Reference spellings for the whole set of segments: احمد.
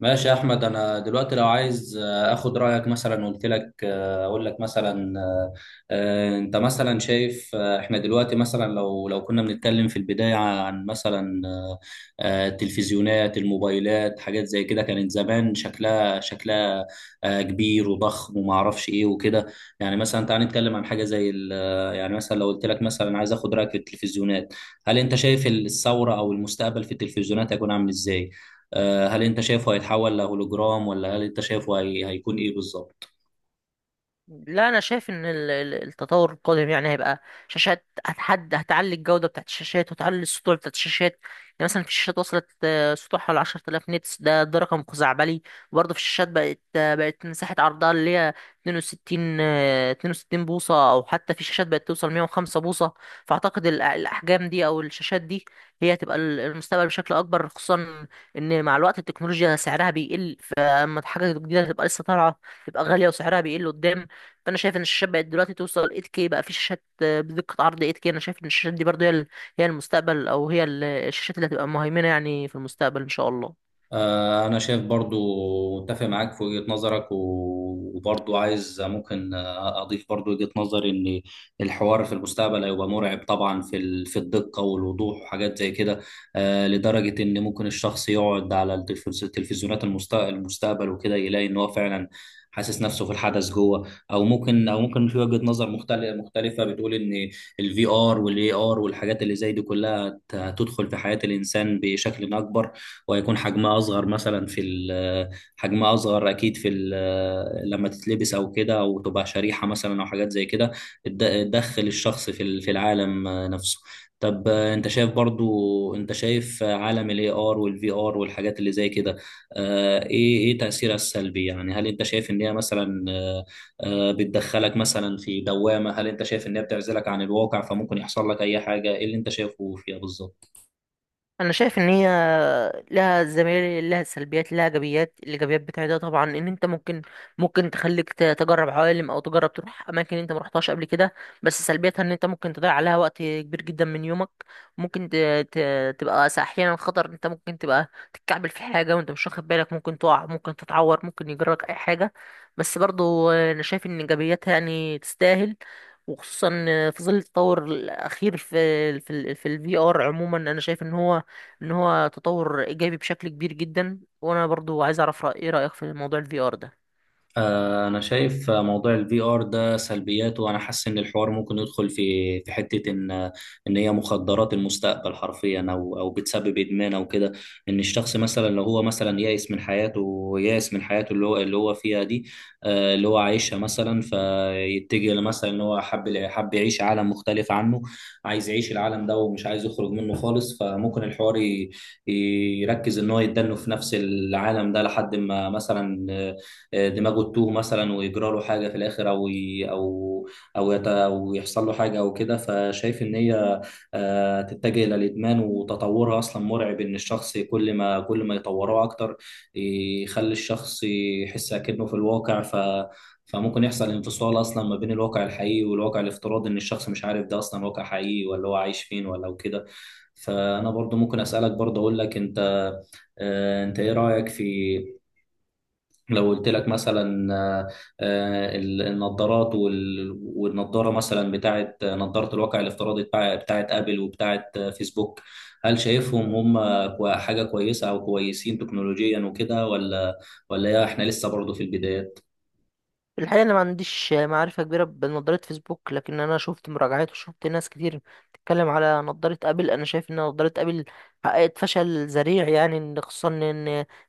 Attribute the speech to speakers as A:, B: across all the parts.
A: ماشي يا احمد، انا دلوقتي لو عايز اخد رايك، مثلا قلت لك اقول لك مثلا انت مثلا شايف، احنا دلوقتي مثلا لو كنا بنتكلم في البدايه عن مثلا التلفزيونات، الموبايلات، حاجات زي كده كانت زمان شكلها كبير وضخم، وما اعرفش ايه وكده. يعني مثلا تعال نتكلم عن حاجه زي يعني مثلا لو قلت لك مثلا عايز اخد رايك في التلفزيونات. هل انت شايف الثوره او المستقبل في التلفزيونات هيكون عامل ازاي؟ هل انت شايفه هيتحول لهولوجرام؟ ولا هل انت شايفه هيكون ايه بالظبط؟
B: لا، انا شايف ان التطور القادم يعني هيبقى شاشات هتعلي الجوده بتاعت الشاشات وتعلي السطوع بتاعت الشاشات. يعني مثلا في شاشات وصلت، سطوعها حوالي 10,000 نيتس. ده رقم خزعبلي. وبرضه في الشاشات بقت مساحه عرضها اللي هي 62 بوصه، او حتى في شاشات بقت توصل 105 بوصه. فاعتقد الاحجام دي او الشاشات دي هي هتبقى المستقبل بشكل اكبر، خصوصا ان مع الوقت التكنولوجيا سعرها بيقل، فاما حاجه جديده تبقى لسه طالعه تبقى غالية وسعرها بيقل قدام. فانا شايف ان الشاشات بقت دلوقتي توصل 8K، بقى في شاشات بدقه عرض 8K. انا شايف ان الشاشات دي برضه هي المستقبل، او هي الشاشات اللي هتبقى مهيمنه يعني في المستقبل ان شاء الله.
A: أنا شايف، برضو متفق معاك في وجهة نظرك، وبرضو عايز ممكن أضيف برضو وجهة نظري إن الحوار في المستقبل هيبقى مرعب طبعا في في الدقة والوضوح، وحاجات زي كده، لدرجة إن ممكن الشخص يقعد على التلفزيونات المستقبل وكده، يلاقي إن هو فعلا حاسس نفسه في الحدث جوه، او ممكن، في وجهة نظر مختلفة، مختلفة بتقول ان الفي ار والاي ار والحاجات اللي زي دي كلها هتدخل في حياة الانسان بشكل اكبر، وهيكون حجمها اصغر مثلا في حجمها اصغر اكيد في لما تتلبس او كده، او تبقى شريحه مثلا، او حاجات زي كده تدخل الشخص في في العالم نفسه. طب انت شايف، برضو انت شايف عالم الاي ار والفي ار والحاجات اللي زي كده، ايه تاثيرها السلبي؟ يعني هل انت شايف ان هي مثلا بتدخلك مثلا في دوامه؟ هل انت شايف ان هي بتعزلك عن الواقع، فممكن يحصل لك اي حاجه؟ ايه اللي انت شايفه فيها بالظبط؟
B: انا شايف ان هي لها زميل، لها سلبيات لها ايجابيات. الايجابيات بتاعتها طبعا ان انت ممكن، تخليك تجرب عوالم او تجرب تروح اماكن انت ما رحتهاش قبل كده. بس سلبيتها ان انت ممكن تضيع عليها وقت كبير جدا من يومك. ممكن ت... تبقى احيانا خطر. انت ممكن تبقى تتكعبل في حاجه وانت مش واخد بالك، ممكن تقع، ممكن تتعور، ممكن يجرك اي حاجه. بس برضو انا شايف ان ايجابياتها يعني تستاهل، وخصوصا في ظل التطور الاخير في الفي ار عموما. انا شايف ان هو، تطور ايجابي بشكل كبير جدا. وانا برضو عايز اعرف ايه رأيك في موضوع الفي ار ده؟
A: انا شايف موضوع الفي ار ده سلبياته، وانا حاسس ان الحوار ممكن يدخل في حته، ان ان هي مخدرات المستقبل حرفيا، او بتسبب ادمان او كده. ان الشخص مثلا، لو هو مثلا يائس من حياته، يائس من حياته اللي هو فيها دي، اللي هو عايشها مثلا، فيتجه لمثلا ان هو حب يعيش عالم مختلف عنه، عايز يعيش العالم ده ومش عايز يخرج منه خالص، فممكن الحوار يركز ان هو يتدنه في نفس العالم ده، لحد ما مثلا دماغه تتوه مثلا، ويجرى له حاجه في الاخر، او أو يحصل له حاجه او كده، فشايف ان هي تتجه الى الادمان، وتطورها اصلا مرعب، ان الشخص كل ما يطوروه اكتر يخلي الشخص يحس اكنه في الواقع. فممكن يحصل انفصال اصلا ما بين الواقع الحقيقي والواقع الافتراضي، ان الشخص مش عارف ده اصلا واقع حقيقي، ولا هو عايش فين، ولا وكده. فانا برضو ممكن اسالك، برضو اقول لك انت، انت ايه رايك في، لو قلت لك مثلا آه، النظارات والنظاره مثلا بتاعه، نظاره الواقع الافتراضي بتاعه ابل وبتاعه فيسبوك، هل شايفهم هم حاجه كويسه او كويسين تكنولوجيا وكده، ولا يا احنا لسه برضه في البدايات؟
B: الحقيقة أنا ما عنديش معرفة كبيرة بنظارة فيسبوك، لكن أنا شفت مراجعات وشفت ناس كتير بتتكلم على نظارة أبل. أنا شايف إن نظارة أبل حققت فشل ذريع، يعني خصوصا إن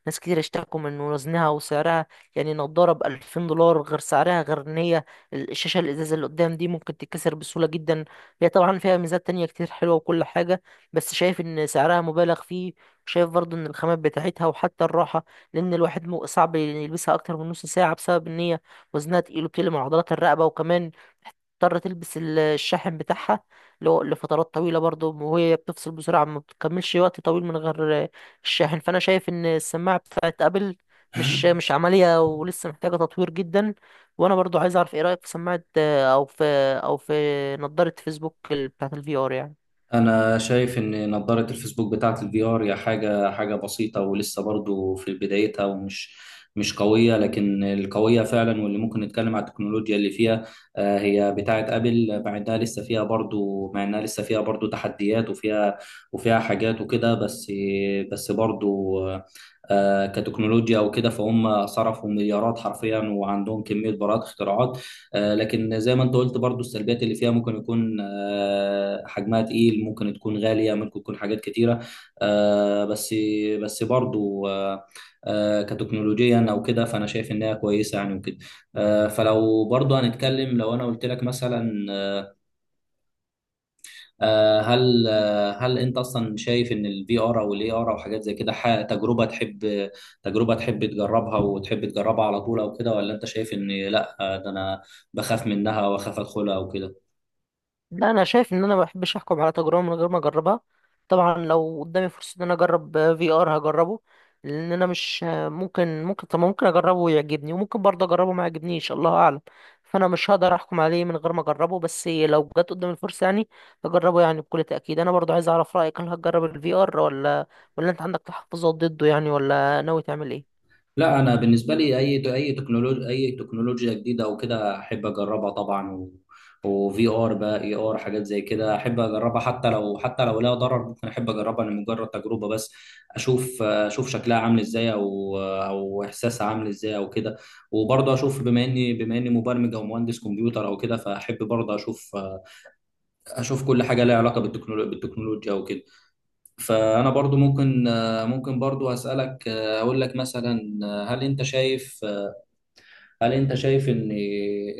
B: ناس كتير اشتكوا من وزنها وسعرها. يعني نظارة بألفين دولار، غير سعرها غير إن هي الشاشة الإزاز اللي قدام دي ممكن تتكسر بسهولة جدا. هي طبعا فيها ميزات تانية كتير حلوة وكل حاجة، بس شايف إن سعرها مبالغ فيه. شايف برضه إن الخامات بتاعتها وحتى الراحة، لأن الواحد صعب يلبسها أكتر من نص ساعة بسبب إن هي وزنها تقيل وبتقلم عضلات الرقبة، وكمان تضطر تلبس الشاحن بتاعها لفترات طويلة برضو، وهي بتفصل بسرعة ما بتكملش وقت طويل من غير الشاحن. فأنا شايف إن السماعة بتاعت أبل مش عملية ولسه محتاجة تطوير جدا. وأنا برضو عايز أعرف إيه رأيك في سماعة، أو في أو في نظارة فيسبوك بتاعت الفي آر يعني؟
A: انا شايف ان نظارة الفيسبوك بتاعت الفي ار هي حاجة بسيطة، ولسه برضو في بدايتها، ومش مش قوية، لكن القوية فعلا واللي ممكن نتكلم على التكنولوجيا اللي فيها هي بتاعت ابل، مع انها لسه فيها برضو تحديات، وفيها وفيها حاجات وكده، بس برضو كتكنولوجيا وكده، فهم صرفوا مليارات حرفيا، وعندهم كمية براءات اختراعات. لكن زي ما انت قلت برضو، السلبيات اللي فيها ممكن يكون حجمها تقيل، ممكن تكون غالية، ممكن تكون حاجات كتيرة، آه، بس بس برضو كتكنولوجيا او كده، فانا شايف انها كويسة يعني وكده. فلو برضو هنتكلم، لو انا قلت لك مثلا هل انت اصلا شايف ان الفي ار او الاي ار او حاجات زي كده تجربة تحب تجربها وتحب تجربها على طول او كده؟ ولا انت شايف ان لا، ده انا بخاف منها، واخاف ادخلها او كده؟
B: لا، انا شايف ان انا ما بحبش احكم على تجربه من غير ما اجربها. طبعا لو قدامي فرصه ان انا اجرب في ار، هجربه. لان انا مش، ممكن طب ممكن اجربه ويعجبني، وممكن برضه اجربه ما يعجبنيش، الله اعلم. فانا مش هقدر احكم عليه من غير ما اجربه، بس لو جت قدامي الفرصه يعني اجربه، يعني بكل تاكيد. انا برضه عايز اعرف رايك، هل هتجرب الفي ار، ولا انت عندك تحفظات ضده يعني، ولا ناوي تعمل ايه؟
A: لا، انا بالنسبه لي اي تكنولوجيا جديده او كده احب اجربها طبعا... و... وفي ار بقى، اي ار، حاجات زي كده احب اجربها، حتى لو لها ضرر، ممكن احب اجربها لمجرد تجربه بس، اشوف شكلها عامل ازاي، او احساسها عامل ازاي او كده. وبرضه اشوف، بما اني مبرمج او مهندس كمبيوتر او كده، فاحب برضه اشوف كل حاجه لها علاقه بالتكنولوجيا او كده. فانا برضه ممكن برضه اسالك، اقول لك مثلا، هل انت شايف، هل انت شايف ان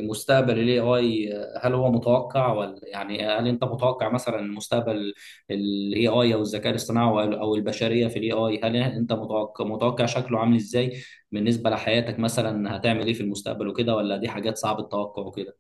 A: مستقبل ال AI هل هو متوقع؟ ولا يعني هل انت متوقع مثلا مستقبل ال AI، او الذكاء الاصطناعي، أو البشرية في ال AI، هل انت متوقع شكله عامل ازاي بالنسبة لحياتك مثلا؟ هتعمل ايه في المستقبل وكده؟ ولا دي حاجات صعب التوقع وكده؟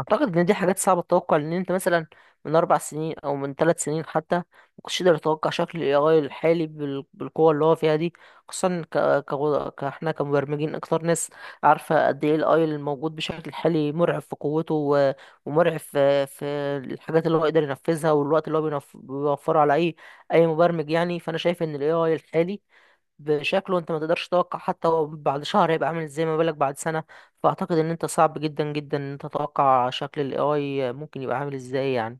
B: اعتقد ان دي حاجات صعبه تتوقع، لان انت مثلا من 4 سنين او من 3 سنين حتى ما كنتش تقدر تتوقع شكل الاي اي الحالي بالقوه اللي هو فيها دي. خصوصا كاحنا كمبرمجين اكتر ناس عارفه قد ايه الاي الموجود بشكل حالي، مرعب في قوته، و... ومرعب في الحاجات اللي هو يقدر ينفذها والوقت اللي هو بيوفره على اي مبرمج يعني. فانا شايف ان الاي اي الحالي بشكله انت ما تقدرش تتوقع حتى هو بعد شهر هيبقى عامل ازاي، ما بالك بعد سنة. فاعتقد ان انت صعب جدا جدا ان انت تتوقع شكل الاي اي ممكن يبقى عامل ازاي يعني.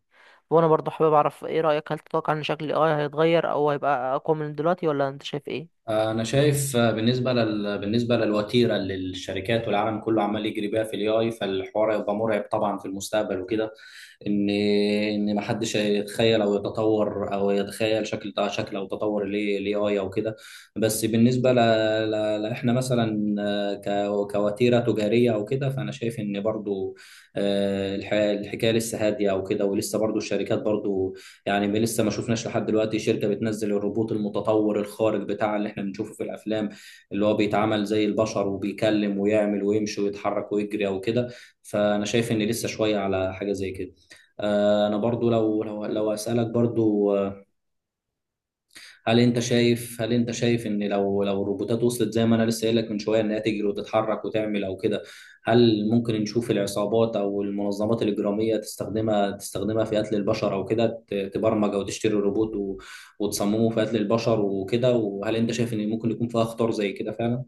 B: وانا برضه حابب اعرف ايه رأيك، هل تتوقع ان شكل الاي اي هيتغير او هيبقى اقوى من دلوقتي، ولا انت شايف ايه؟
A: انا شايف بالنسبة بالنسبة للوتيرة اللي الشركات والعالم كله عمال يجري بيها في ال AI، فالحوار هيبقى مرعب طبعا في المستقبل وكده، ان ما حدش يتخيل، او يتطور، او يتخيل شكل او تطور الاي اي او كده. بس بالنسبه احنا مثلا كوتيره تجاريه او كده، فانا شايف ان برضو الحكايه لسه هاديه او كده، ولسه برضو الشركات برضو، يعني لسه ما شفناش لحد دلوقتي شركه بتنزل الروبوت المتطور الخارق بتاع اللي احنا بنشوفه في الافلام، اللي هو بيتعامل زي البشر، وبيكلم ويعمل ويمشي ويتحرك ويجري او كده. فانا شايف ان لسه شويه على حاجه زي كده. انا برضو، لو اسالك برضو هل انت شايف ان، لو الروبوتات وصلت زي ما انا لسه قايل لك من شويه، انها تجري وتتحرك وتعمل او كده، هل ممكن نشوف العصابات او المنظمات الاجراميه تستخدمها في قتل البشر او كده، تبرمج او تشتري روبوت وتصممه في قتل البشر وكده؟ وهل انت شايف ان ممكن يكون فيها خطر زي كده فعلا؟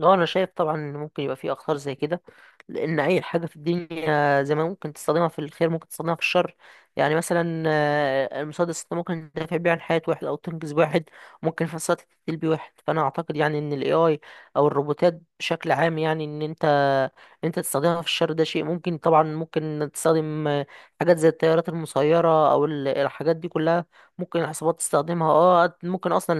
B: اه، انا شايف طبعا ان ممكن يبقى في اخطار زي كده، لان اي حاجه في الدنيا زي ما ممكن تستخدمها في الخير ممكن تستخدمها في الشر. يعني مثلا، المسدس ده ممكن تدافع بيه عن حياه واحد او تنقذ واحد، ممكن في نفس الوقت تقتل بيه واحد. فانا اعتقد يعني ان الاي اي او الروبوتات بشكل عام، يعني ان انت، تستخدمها في الشر ده شيء ممكن طبعا. ممكن تستخدم حاجات زي الطيارات المسيره او الحاجات دي كلها، ممكن العصابات تستخدمها. اه، ممكن اصلا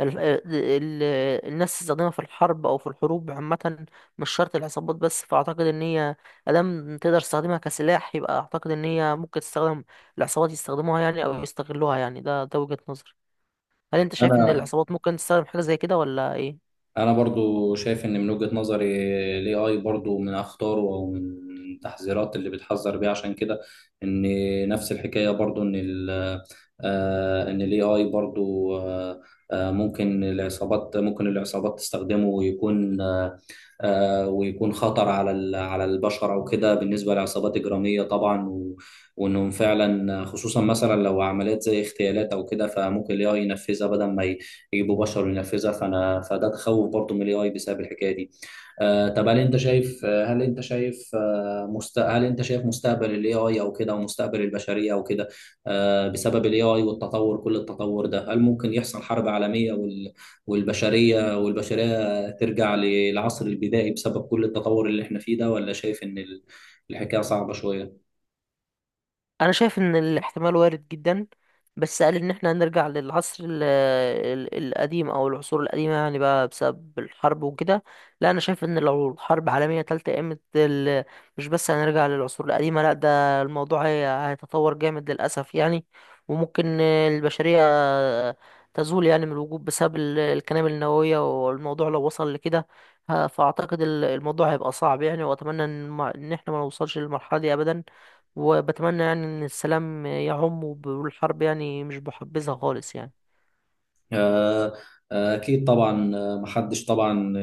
B: ال ال الناس تستخدمها في الحرب او في الحروب عامه، مش شرط العصابات بس. فاعتقد ان هي ادام تقدر تستخدمها كسلاح، يبقى اعتقد ان هي ممكن تستخدم، العصابات يستخدموها يعني او يستغلوها يعني. ده وجهة نظري. هل انت شايف ان
A: انا
B: العصابات ممكن تستخدم حاجه زي كده ولا ايه؟
A: انا برضو شايف ان من وجهة نظري الاي اي برضو من اخطاره، او من التحذيرات اللي بتحذر بيها عشان كده، ان نفس الحكاية برضو ان ان الاي اي برضو ممكن العصابات تستخدمه، ويكون خطر على على البشر او كده، بالنسبه لعصابات اجراميه طبعا، وانهم فعلا، خصوصا مثلا لو عمليات زي اغتيالات او كده، فممكن الاي اي ينفذها بدل ما يجيبوا بشر ينفذها، فانا فده تخوف برضو من الاي اي بسبب الحكايه دي. طب هل انت شايف آه، هل انت شايف آه، هل انت شايف مستقبل الاي اي او كده، ومستقبل البشريه او كده، بسبب الاي اي والتطور، كل التطور ده، هل ممكن يحصل حرب عالميه والبشريه ترجع للعصر البدائي، بسبب كل التطور اللي احنا فيه ده؟ ولا شايف ان الحكايه صعبه شويه؟
B: انا شايف ان الاحتمال وارد جدا. بس قال ان احنا هنرجع للعصر القديم او العصور القديمه يعني بقى بسبب الحرب وكده. لا، انا شايف ان لو الحرب عالميه تالتة قامت، مش بس هنرجع للعصور القديمه، لا ده الموضوع هيتطور جامد للاسف يعني. وممكن البشريه تزول يعني من الوجود بسبب القنابل النوويه، والموضوع لو وصل لكده، فاعتقد الموضوع هيبقى صعب يعني. واتمنى ان، إن احنا ما نوصلش للمرحله دي ابدا. وبتمنى يعني ان السلام يعم، والحرب يعني مش بحبذها خالص يعني.
A: آه، أكيد طبعا، محدش طبعا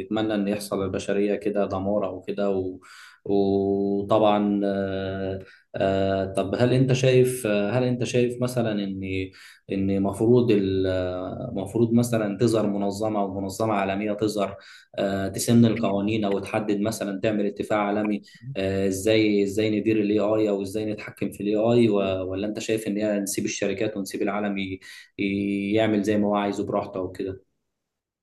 A: يتمنى إن يحصل للبشرية كده دمار أو كده، وطبعا طب هل أنت شايف مثلا إن المفروض مثلا تظهر منظمة، أو منظمة عالمية تظهر تسن القوانين، أو تحدد مثلا، تعمل اتفاق عالمي إزاي ندير ال AI، أو إزاي نتحكم في ال AI، ولا أنت شايف إن هي نسيب الشركات، ونسيب العالم يعمل زي ما هو عايزه براحته وكده؟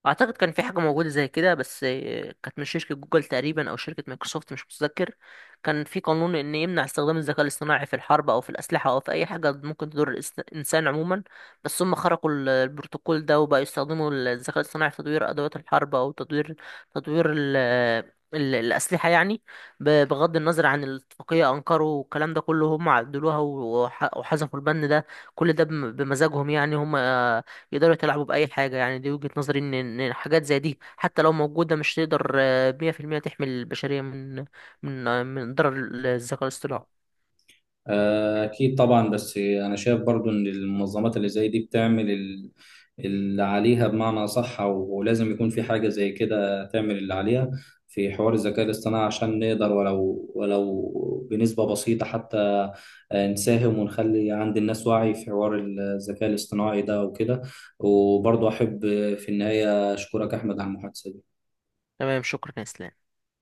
B: اعتقد كان في حاجه موجوده زي كده، بس كانت من شركه جوجل تقريبا او شركه مايكروسوفت، مش متذكر. كان في قانون ان يمنع استخدام الذكاء الاصطناعي في الحرب او في الاسلحه او في اي حاجه ممكن تضر الانسان عموما. بس هم خرقوا البروتوكول ده وبقوا يستخدموا الذكاء الاصطناعي في تطوير ادوات الحرب، او تطوير، تطوير ال الأسلحة يعني. بغض النظر عن الاتفاقية، أنكروا والكلام ده كله، هم عدلوها وحذفوا البند ده. كل ده بمزاجهم يعني، هم يقدروا يتلاعبوا بأي حاجة يعني. دي وجهة نظري، إن حاجات زي دي حتى لو موجودة مش تقدر، 100% تحمي البشرية من، من ضرر الذكاء الاصطناعي.
A: أكيد طبعا، بس أنا شايف برضو إن المنظمات اللي زي دي بتعمل اللي عليها بمعنى صح، ولازم يكون في حاجة زي كده تعمل اللي عليها في حوار الذكاء الاصطناعي، عشان نقدر ولو بنسبة بسيطة حتى نساهم، ونخلي عند الناس وعي في حوار الذكاء الاصطناعي ده وكده. وبرضو أحب في النهاية أشكرك أحمد على المحادثة دي.
B: تمام، شكرا يا إسلام.